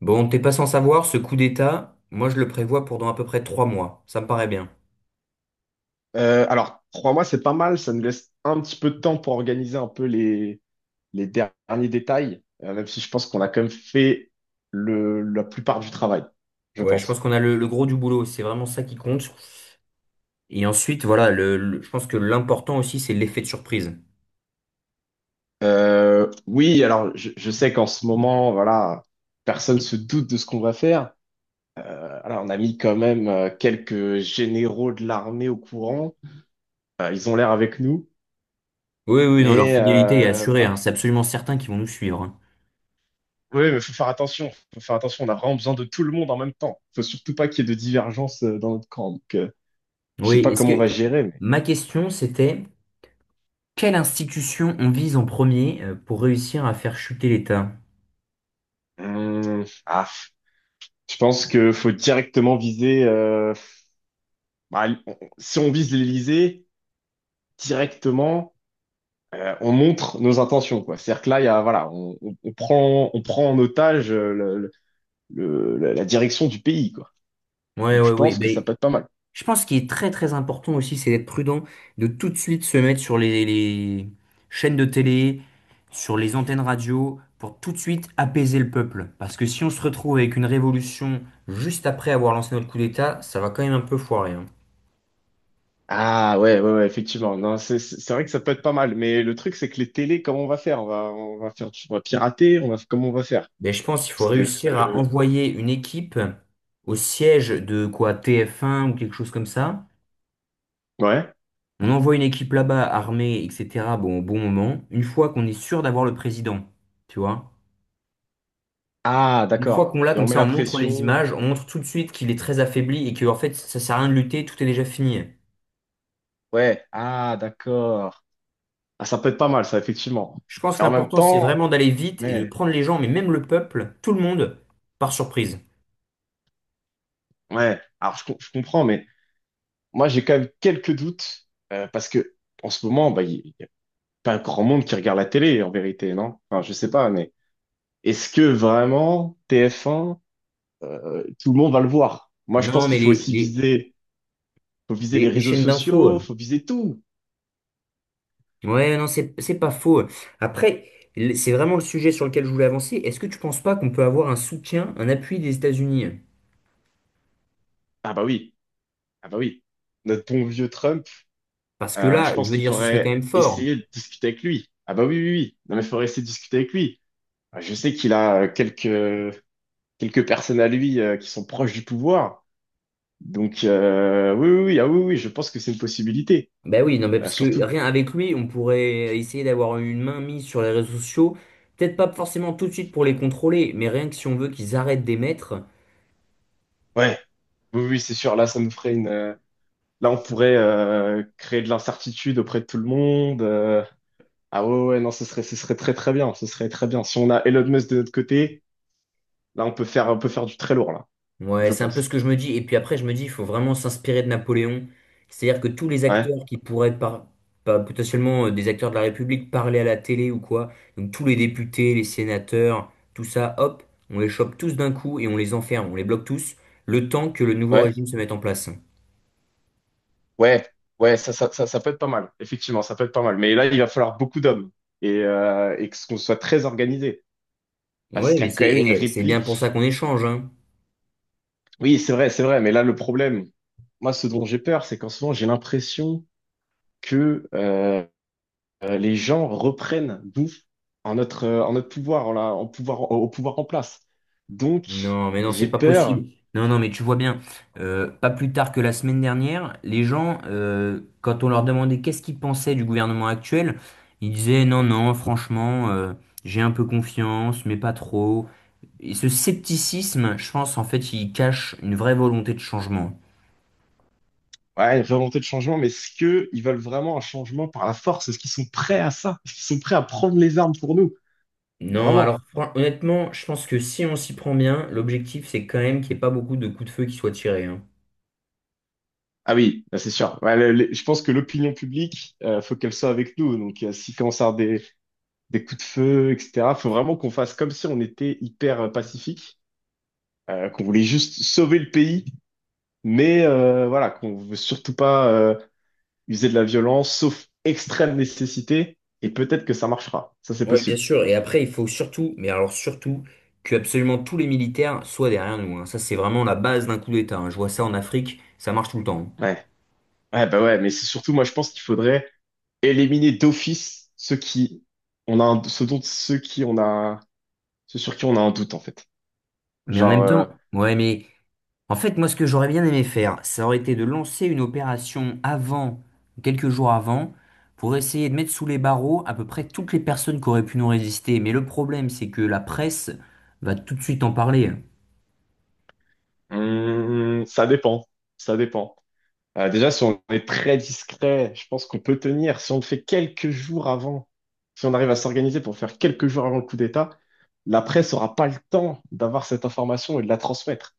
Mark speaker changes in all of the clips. Speaker 1: Bon, t'es pas sans savoir, ce coup d'État, moi je le prévois pour dans à peu près 3 mois. Ça me paraît bien.
Speaker 2: Alors, trois mois, c'est pas mal. Ça nous laisse un petit peu de temps pour organiser un peu les derniers détails, même si je pense qu'on a quand même fait la plupart du travail, je
Speaker 1: Ouais, je
Speaker 2: pense.
Speaker 1: pense qu'on a le gros du boulot, c'est vraiment ça qui compte. Et ensuite, voilà, je pense que l'important aussi, c'est l'effet de surprise.
Speaker 2: Oui, alors, je sais qu'en ce moment, voilà, personne se doute de ce qu'on va faire. Alors, on a mis quand même quelques généraux de l'armée au courant. Ils ont l'air avec nous.
Speaker 1: Oui, oui, non, leur
Speaker 2: Mais
Speaker 1: fidélité est assurée,
Speaker 2: voilà.
Speaker 1: hein, c'est absolument certain qu'ils vont nous suivre, hein.
Speaker 2: Oui, mais faut faire attention. Faut faire attention. On a vraiment besoin de tout le monde en même temps. Faut surtout pas qu'il y ait de divergence dans notre camp. Donc, je sais
Speaker 1: Oui,
Speaker 2: pas
Speaker 1: est-ce
Speaker 2: comment on va
Speaker 1: que
Speaker 2: gérer, mais
Speaker 1: ma question c'était quelle institution on vise en premier pour réussir à faire chuter l'État?
Speaker 2: Hum, ah, je pense que faut directement viser. Bah, si on vise l'Élysée directement, on montre nos intentions, quoi. C'est-à-dire que là, il y a, voilà, on prend en otage la direction du pays, quoi.
Speaker 1: Ouais,
Speaker 2: Donc,
Speaker 1: ouais,
Speaker 2: je pense que ça
Speaker 1: oui.
Speaker 2: peut être pas mal.
Speaker 1: Je pense qu'il est très très important aussi, c'est d'être prudent, de tout de suite se mettre sur les chaînes de télé, sur les antennes radio, pour tout de suite apaiser le peuple. Parce que si on se retrouve avec une révolution juste après avoir lancé notre coup d'État, ça va quand même un peu foirer, hein.
Speaker 2: Ah ouais, ouais, ouais, effectivement. Non, c'est vrai que ça peut être pas mal, mais le truc c'est que les télés, comment on va faire? On va faire, on va pirater, on va comment on va faire?
Speaker 1: Mais je pense qu'il
Speaker 2: Parce
Speaker 1: faut
Speaker 2: que
Speaker 1: réussir à envoyer une équipe au siège de quoi TF1 ou quelque chose comme ça.
Speaker 2: ouais.
Speaker 1: On envoie une équipe là-bas armée, etc. Bon, au bon moment, une fois qu'on est sûr d'avoir le président, tu vois.
Speaker 2: Ah
Speaker 1: Une fois
Speaker 2: d'accord.
Speaker 1: qu'on l'a
Speaker 2: Et on
Speaker 1: comme
Speaker 2: met
Speaker 1: ça,
Speaker 2: la
Speaker 1: on montre les
Speaker 2: pression.
Speaker 1: images, on montre tout de suite qu'il est très affaibli et que en fait ça sert à rien de lutter, tout est déjà fini.
Speaker 2: Ouais. Ah d'accord. Ah ça peut être pas mal ça effectivement.
Speaker 1: Je pense que
Speaker 2: Mais en même
Speaker 1: l'important c'est
Speaker 2: temps,
Speaker 1: vraiment d'aller vite et de
Speaker 2: mais
Speaker 1: prendre les gens, mais même le peuple, tout le monde, par surprise.
Speaker 2: ouais. Alors je comprends, mais moi j'ai quand même quelques doutes parce que en ce moment, bah y a pas grand monde qui regarde la télé en vérité, non? Enfin je sais pas, mais est-ce que vraiment TF1 tout le monde va le voir. Moi, je pense
Speaker 1: Non, mais
Speaker 2: qu'il faut
Speaker 1: les,
Speaker 2: aussi
Speaker 1: les,
Speaker 2: viser, faut viser les
Speaker 1: les, les
Speaker 2: réseaux
Speaker 1: chaînes d'infos.
Speaker 2: sociaux, faut viser tout.
Speaker 1: Ouais, non, c'est pas faux. Après, c'est vraiment le sujet sur lequel je voulais avancer. Est-ce que tu penses pas qu'on peut avoir un soutien, un appui des États-Unis?
Speaker 2: Ah bah oui, ah bah oui. Notre bon vieux Trump,
Speaker 1: Parce que
Speaker 2: je
Speaker 1: là, je
Speaker 2: pense
Speaker 1: veux
Speaker 2: qu'il
Speaker 1: dire, ce serait quand
Speaker 2: faudrait
Speaker 1: même fort.
Speaker 2: essayer de discuter avec lui. Ah bah oui, oui, oui. Non mais il faudrait essayer de discuter avec lui. Je sais qu'il a quelques personnes à lui qui sont proches du pouvoir. Donc oui, oui, oui, ah oui, oui, je pense que c'est une possibilité.
Speaker 1: Ben oui, non, mais parce que
Speaker 2: Surtout,
Speaker 1: rien avec lui, on pourrait essayer d'avoir une main mise sur les réseaux sociaux. Peut-être pas forcément tout de suite pour les contrôler, mais rien que si on veut qu'ils arrêtent d'émettre.
Speaker 2: ouais, oui, oui, c'est sûr. Là, ça nous ferait une. Là, on pourrait créer de l'incertitude auprès de tout le monde. Ah ouais, ouais, ouais, non, ce serait très très bien. Ce serait très bien. Si on a Elon Musk de notre côté, là, on peut faire du très lourd, là,
Speaker 1: Ouais,
Speaker 2: je
Speaker 1: c'est un peu ce
Speaker 2: pense.
Speaker 1: que je me dis. Et puis après, je me dis, il faut vraiment s'inspirer de Napoléon. C'est-à-dire que tous les
Speaker 2: Ouais,
Speaker 1: acteurs qui pourraient par, pas- potentiellement des acteurs de la République parler à la télé ou quoi, donc tous les députés, les sénateurs, tout ça, hop, on les chope tous d'un coup et on les enferme, on les bloque tous, le temps que le nouveau
Speaker 2: ouais,
Speaker 1: régime se mette en place.
Speaker 2: ouais, ouais, ça peut être pas mal. Effectivement, ça peut être pas mal. Mais là, il va falloir beaucoup d'hommes et que ce qu'on soit très organisé. Parce
Speaker 1: Ouais,
Speaker 2: qu'il
Speaker 1: mais
Speaker 2: y a
Speaker 1: c'est
Speaker 2: quand même une
Speaker 1: eh, c'est bien pour ça
Speaker 2: réplique.
Speaker 1: qu'on échange, hein.
Speaker 2: Oui, c'est vrai, c'est vrai. Mais là, le problème, moi, ce dont j'ai peur, c'est qu'en ce moment, j'ai l'impression que les gens reprennent d'où en notre pouvoir, en pouvoir, au pouvoir en place. Donc,
Speaker 1: Non, mais non, c'est
Speaker 2: j'ai
Speaker 1: pas
Speaker 2: peur,
Speaker 1: possible. Non, non, mais tu vois bien, pas plus tard que la semaine dernière, les gens, quand on leur demandait qu'est-ce qu'ils pensaient du gouvernement actuel, ils disaient non, non, franchement, j'ai un peu confiance, mais pas trop. Et ce scepticisme, je pense, en fait, il cache une vraie volonté de changement.
Speaker 2: ouais, une volonté de changement, mais est-ce qu'ils veulent vraiment un changement par la force? Est-ce qu'ils sont prêts à ça? Est-ce qu'ils sont prêts à prendre les armes pour nous?
Speaker 1: Non, alors
Speaker 2: Vraiment?
Speaker 1: honnêtement, je pense que si on s'y prend bien, l'objectif, c'est quand même qu'il n'y ait pas beaucoup de coups de feu qui soient tirés, hein.
Speaker 2: Ah oui, bah, c'est sûr. Ouais, je pense que l'opinion publique, faut qu'elle soit avec nous. Donc, s'il commence à avoir des coups de feu, etc., faut vraiment qu'on fasse comme si on était hyper pacifique, qu'on voulait juste sauver le pays, mais voilà, qu'on veut surtout pas. User de la violence, sauf extrême nécessité, et peut-être que ça marchera. Ça, c'est
Speaker 1: Oui, bien
Speaker 2: possible.
Speaker 1: sûr. Et après, il faut surtout, mais alors surtout, que absolument tous les militaires soient derrière nous, hein. Ça, c'est vraiment la base d'un coup d'État, hein. Je vois ça en Afrique, ça marche tout le temps, hein.
Speaker 2: Ouais. Ouais, bah ouais, mais c'est surtout, moi, je pense qu'il faudrait éliminer d'office ceux qui, on a un, ceux dont, ceux qui on a, ceux sur qui on a un doute, en fait.
Speaker 1: Mais en
Speaker 2: Genre,
Speaker 1: même temps, ouais, mais en fait, moi, ce que j'aurais bien aimé faire, ça aurait été de lancer une opération avant, quelques jours avant, pour essayer de mettre sous les barreaux à peu près toutes les personnes qui auraient pu nous résister. Mais le problème, c'est que la presse va tout de suite en parler, hein.
Speaker 2: ça dépend. Ça dépend. Déjà, si on est très discret, je pense qu'on peut tenir. Si on le fait quelques jours avant, si on arrive à s'organiser pour faire quelques jours avant le coup d'État, la presse n'aura pas le temps d'avoir cette information et de la transmettre.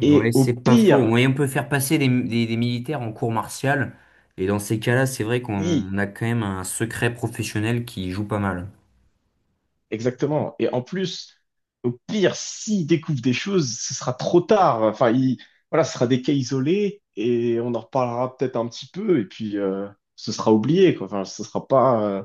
Speaker 2: Et
Speaker 1: Ouais,
Speaker 2: au
Speaker 1: c'est pas faux.
Speaker 2: pire,
Speaker 1: Ouais, on peut faire passer des militaires en cours martial. Et dans ces cas-là, c'est vrai
Speaker 2: oui,
Speaker 1: qu'on a quand même un secret professionnel qui joue pas mal.
Speaker 2: exactement. Et en plus, au pire, s'il découvre des choses, ce sera trop tard. Enfin, il, voilà, ce sera des cas isolés et on en reparlera peut-être un petit peu et puis ce sera oublié, quoi. Enfin, ce sera pas,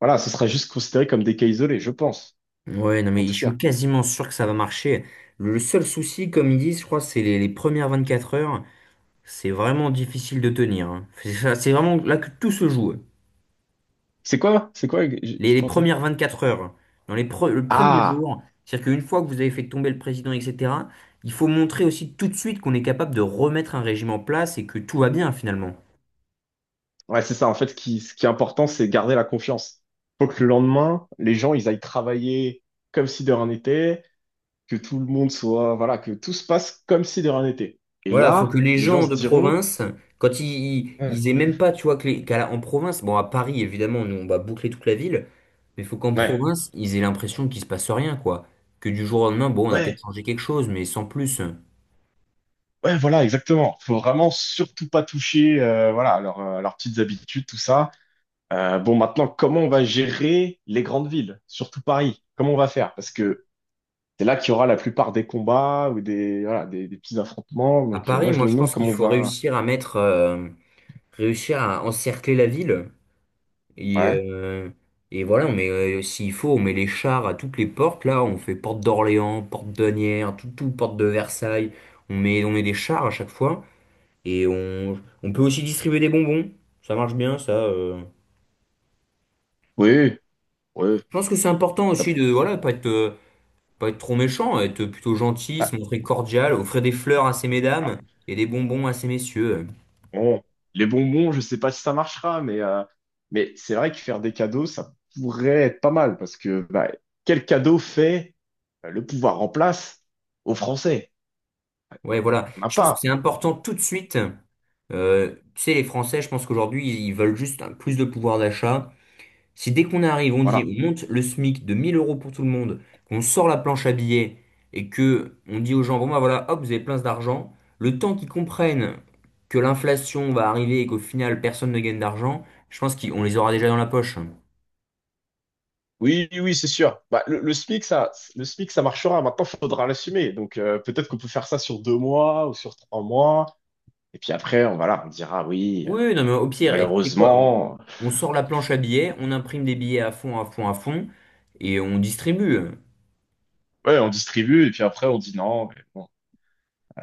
Speaker 2: voilà, ce sera juste considéré comme des cas isolés, je pense,
Speaker 1: Ouais, non,
Speaker 2: en
Speaker 1: mais je
Speaker 2: tout
Speaker 1: suis
Speaker 2: cas.
Speaker 1: quasiment sûr que ça va marcher. Le seul souci, comme ils disent, je crois, c'est les premières 4 heures. C'est vraiment difficile de tenir, hein. C'est vraiment là que tout se joue.
Speaker 2: C'est quoi? C'est quoi? J'ai
Speaker 1: Les,
Speaker 2: j'ai
Speaker 1: les
Speaker 2: pas entendu.
Speaker 1: premières quatre heures. Dans le premier
Speaker 2: Ah,
Speaker 1: jour, c'est-à-dire qu'une fois que vous avez fait tomber le président, etc., il faut montrer aussi tout de suite qu'on est capable de remettre un régime en place et que tout va bien finalement.
Speaker 2: ouais, c'est ça. En fait, ce qui est important, c'est garder la confiance. Faut que le lendemain, les gens, ils aillent travailler comme si de rien n'était. Que tout le monde soit, voilà, que tout se passe comme si de rien n'était. Et
Speaker 1: Voilà, faut que
Speaker 2: là,
Speaker 1: les
Speaker 2: les gens
Speaker 1: gens
Speaker 2: se
Speaker 1: de
Speaker 2: diront,
Speaker 1: province, quand ils,
Speaker 2: ouais,
Speaker 1: ils aient même pas, tu vois, que en province, bon, à Paris, évidemment, nous, on va boucler toute la ville, mais faut qu'en
Speaker 2: ouais,
Speaker 1: province, ils aient l'impression qu'il se passe rien, quoi. Que du jour au lendemain, bon, on a peut-être
Speaker 2: ouais,
Speaker 1: changé quelque chose, mais sans plus.
Speaker 2: ouais, voilà, exactement. Faut vraiment surtout pas toucher, voilà, à leurs petites habitudes, tout ça. Bon, maintenant, comment on va gérer les grandes villes, surtout Paris? Comment on va faire? Parce que c'est là qu'il y aura la plupart des combats ou des, voilà, des petits affrontements.
Speaker 1: À
Speaker 2: Donc,
Speaker 1: Paris,
Speaker 2: moi, je
Speaker 1: moi,
Speaker 2: me
Speaker 1: je
Speaker 2: demande
Speaker 1: pense
Speaker 2: comment
Speaker 1: qu'il
Speaker 2: on
Speaker 1: faut
Speaker 2: va.
Speaker 1: réussir à mettre, réussir à encercler la ville. Et,
Speaker 2: Ouais,
Speaker 1: euh, et voilà, on met, s'il faut, on met les chars à toutes les portes, là, on fait porte d'Orléans, porte d'Asnières, tout, tout, porte de Versailles, on met des chars à chaque fois. Et on peut aussi distribuer des bonbons. Ça marche bien, ça.
Speaker 2: oui, oui,
Speaker 1: Je pense que c'est important
Speaker 2: ça
Speaker 1: aussi
Speaker 2: peut.
Speaker 1: de voilà, pas être trop méchant, être plutôt gentil,
Speaker 2: Ouais.
Speaker 1: se montrer cordial, offrir des fleurs à ces mesdames et des bonbons à ces messieurs.
Speaker 2: Bon, les bonbons, je sais pas si ça marchera, mais c'est vrai que faire des cadeaux, ça pourrait être pas mal parce que bah, quel cadeau fait le pouvoir en place aux Français?
Speaker 1: Ouais, voilà.
Speaker 2: On n'a
Speaker 1: Je pense que c'est
Speaker 2: pas.
Speaker 1: important tout de suite. Tu sais, les Français, je pense qu'aujourd'hui, ils veulent juste plus de pouvoir d'achat. Si dès qu'on arrive, on dit
Speaker 2: Voilà.
Speaker 1: on monte le SMIC de 1 000 € pour tout le monde, qu'on sort la planche à billets et que on dit aux gens, bon bah voilà, hop, vous avez plein d'argent, le temps qu'ils comprennent que l'inflation va arriver et qu'au final personne ne gagne d'argent, je pense qu'on les aura déjà dans la poche.
Speaker 2: Oui, oui, oui, c'est sûr. Bah, le SMIC, ça, le SMIC, ça marchera. Maintenant, il faudra l'assumer. Donc, peut-être qu'on peut faire ça sur 2 mois ou sur 3 mois. Et puis après, on, voilà, on dira oui,
Speaker 1: Oui, oui, non mais au pire, et tu sais quoi, on,
Speaker 2: malheureusement.
Speaker 1: on sort la planche à billets, on imprime des billets à fond, à fond, à fond, et on distribue.
Speaker 2: Ouais, on distribue. Et puis après, on dit non. Mais bon.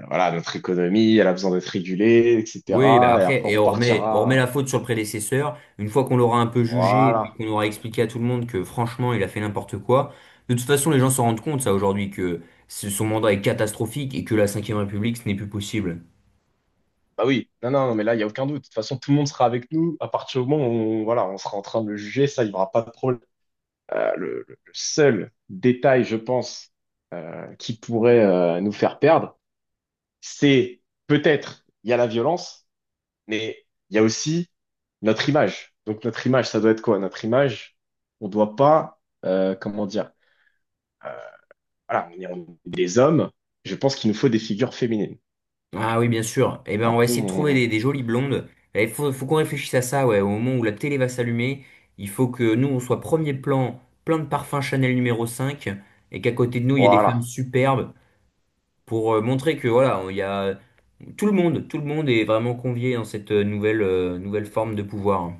Speaker 2: Voilà, notre économie, elle a besoin d'être régulée,
Speaker 1: Oui, bah
Speaker 2: etc. Et
Speaker 1: après,
Speaker 2: après, on
Speaker 1: et on remet la
Speaker 2: repartira.
Speaker 1: faute sur le prédécesseur. Une fois qu'on l'aura un peu jugé et puis
Speaker 2: Voilà.
Speaker 1: qu'on aura expliqué à tout le monde que franchement, il a fait n'importe quoi. De toute façon, les gens s'en rendent compte, ça, aujourd'hui, que son mandat est catastrophique et que la Cinquième République, ce n'est plus possible.
Speaker 2: Bah oui, non, non, non, mais là, il n'y a aucun doute. De toute façon, tout le monde sera avec nous à partir du moment où on, voilà, on sera en train de le juger, ça, il n'y aura pas de problème. Le seul détail, je pense, qui pourrait nous faire perdre, c'est peut-être, il y a la violence, mais il y a aussi notre image. Donc, notre image, ça doit être quoi? Notre image, on ne doit pas, comment dire, voilà, on est des hommes. Je pense qu'il nous faut des figures féminines.
Speaker 1: Ah oui, bien sûr. Eh ben,
Speaker 2: C'est un
Speaker 1: on va
Speaker 2: peu
Speaker 1: essayer de trouver
Speaker 2: mon.
Speaker 1: des jolies blondes. Il faut qu'on réfléchisse à ça, ouais. Au moment où la télé va s'allumer, il faut que nous, on soit premier plan, plein de parfums Chanel N°5 et qu'à côté de nous, il y ait des femmes
Speaker 2: Voilà.
Speaker 1: superbes pour montrer que, voilà, il y a. Tout le monde est vraiment convié dans cette nouvelle forme de pouvoir.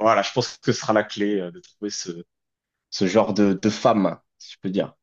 Speaker 2: Voilà, je pense que ce sera la clé de trouver ce genre de femme, si je peux dire.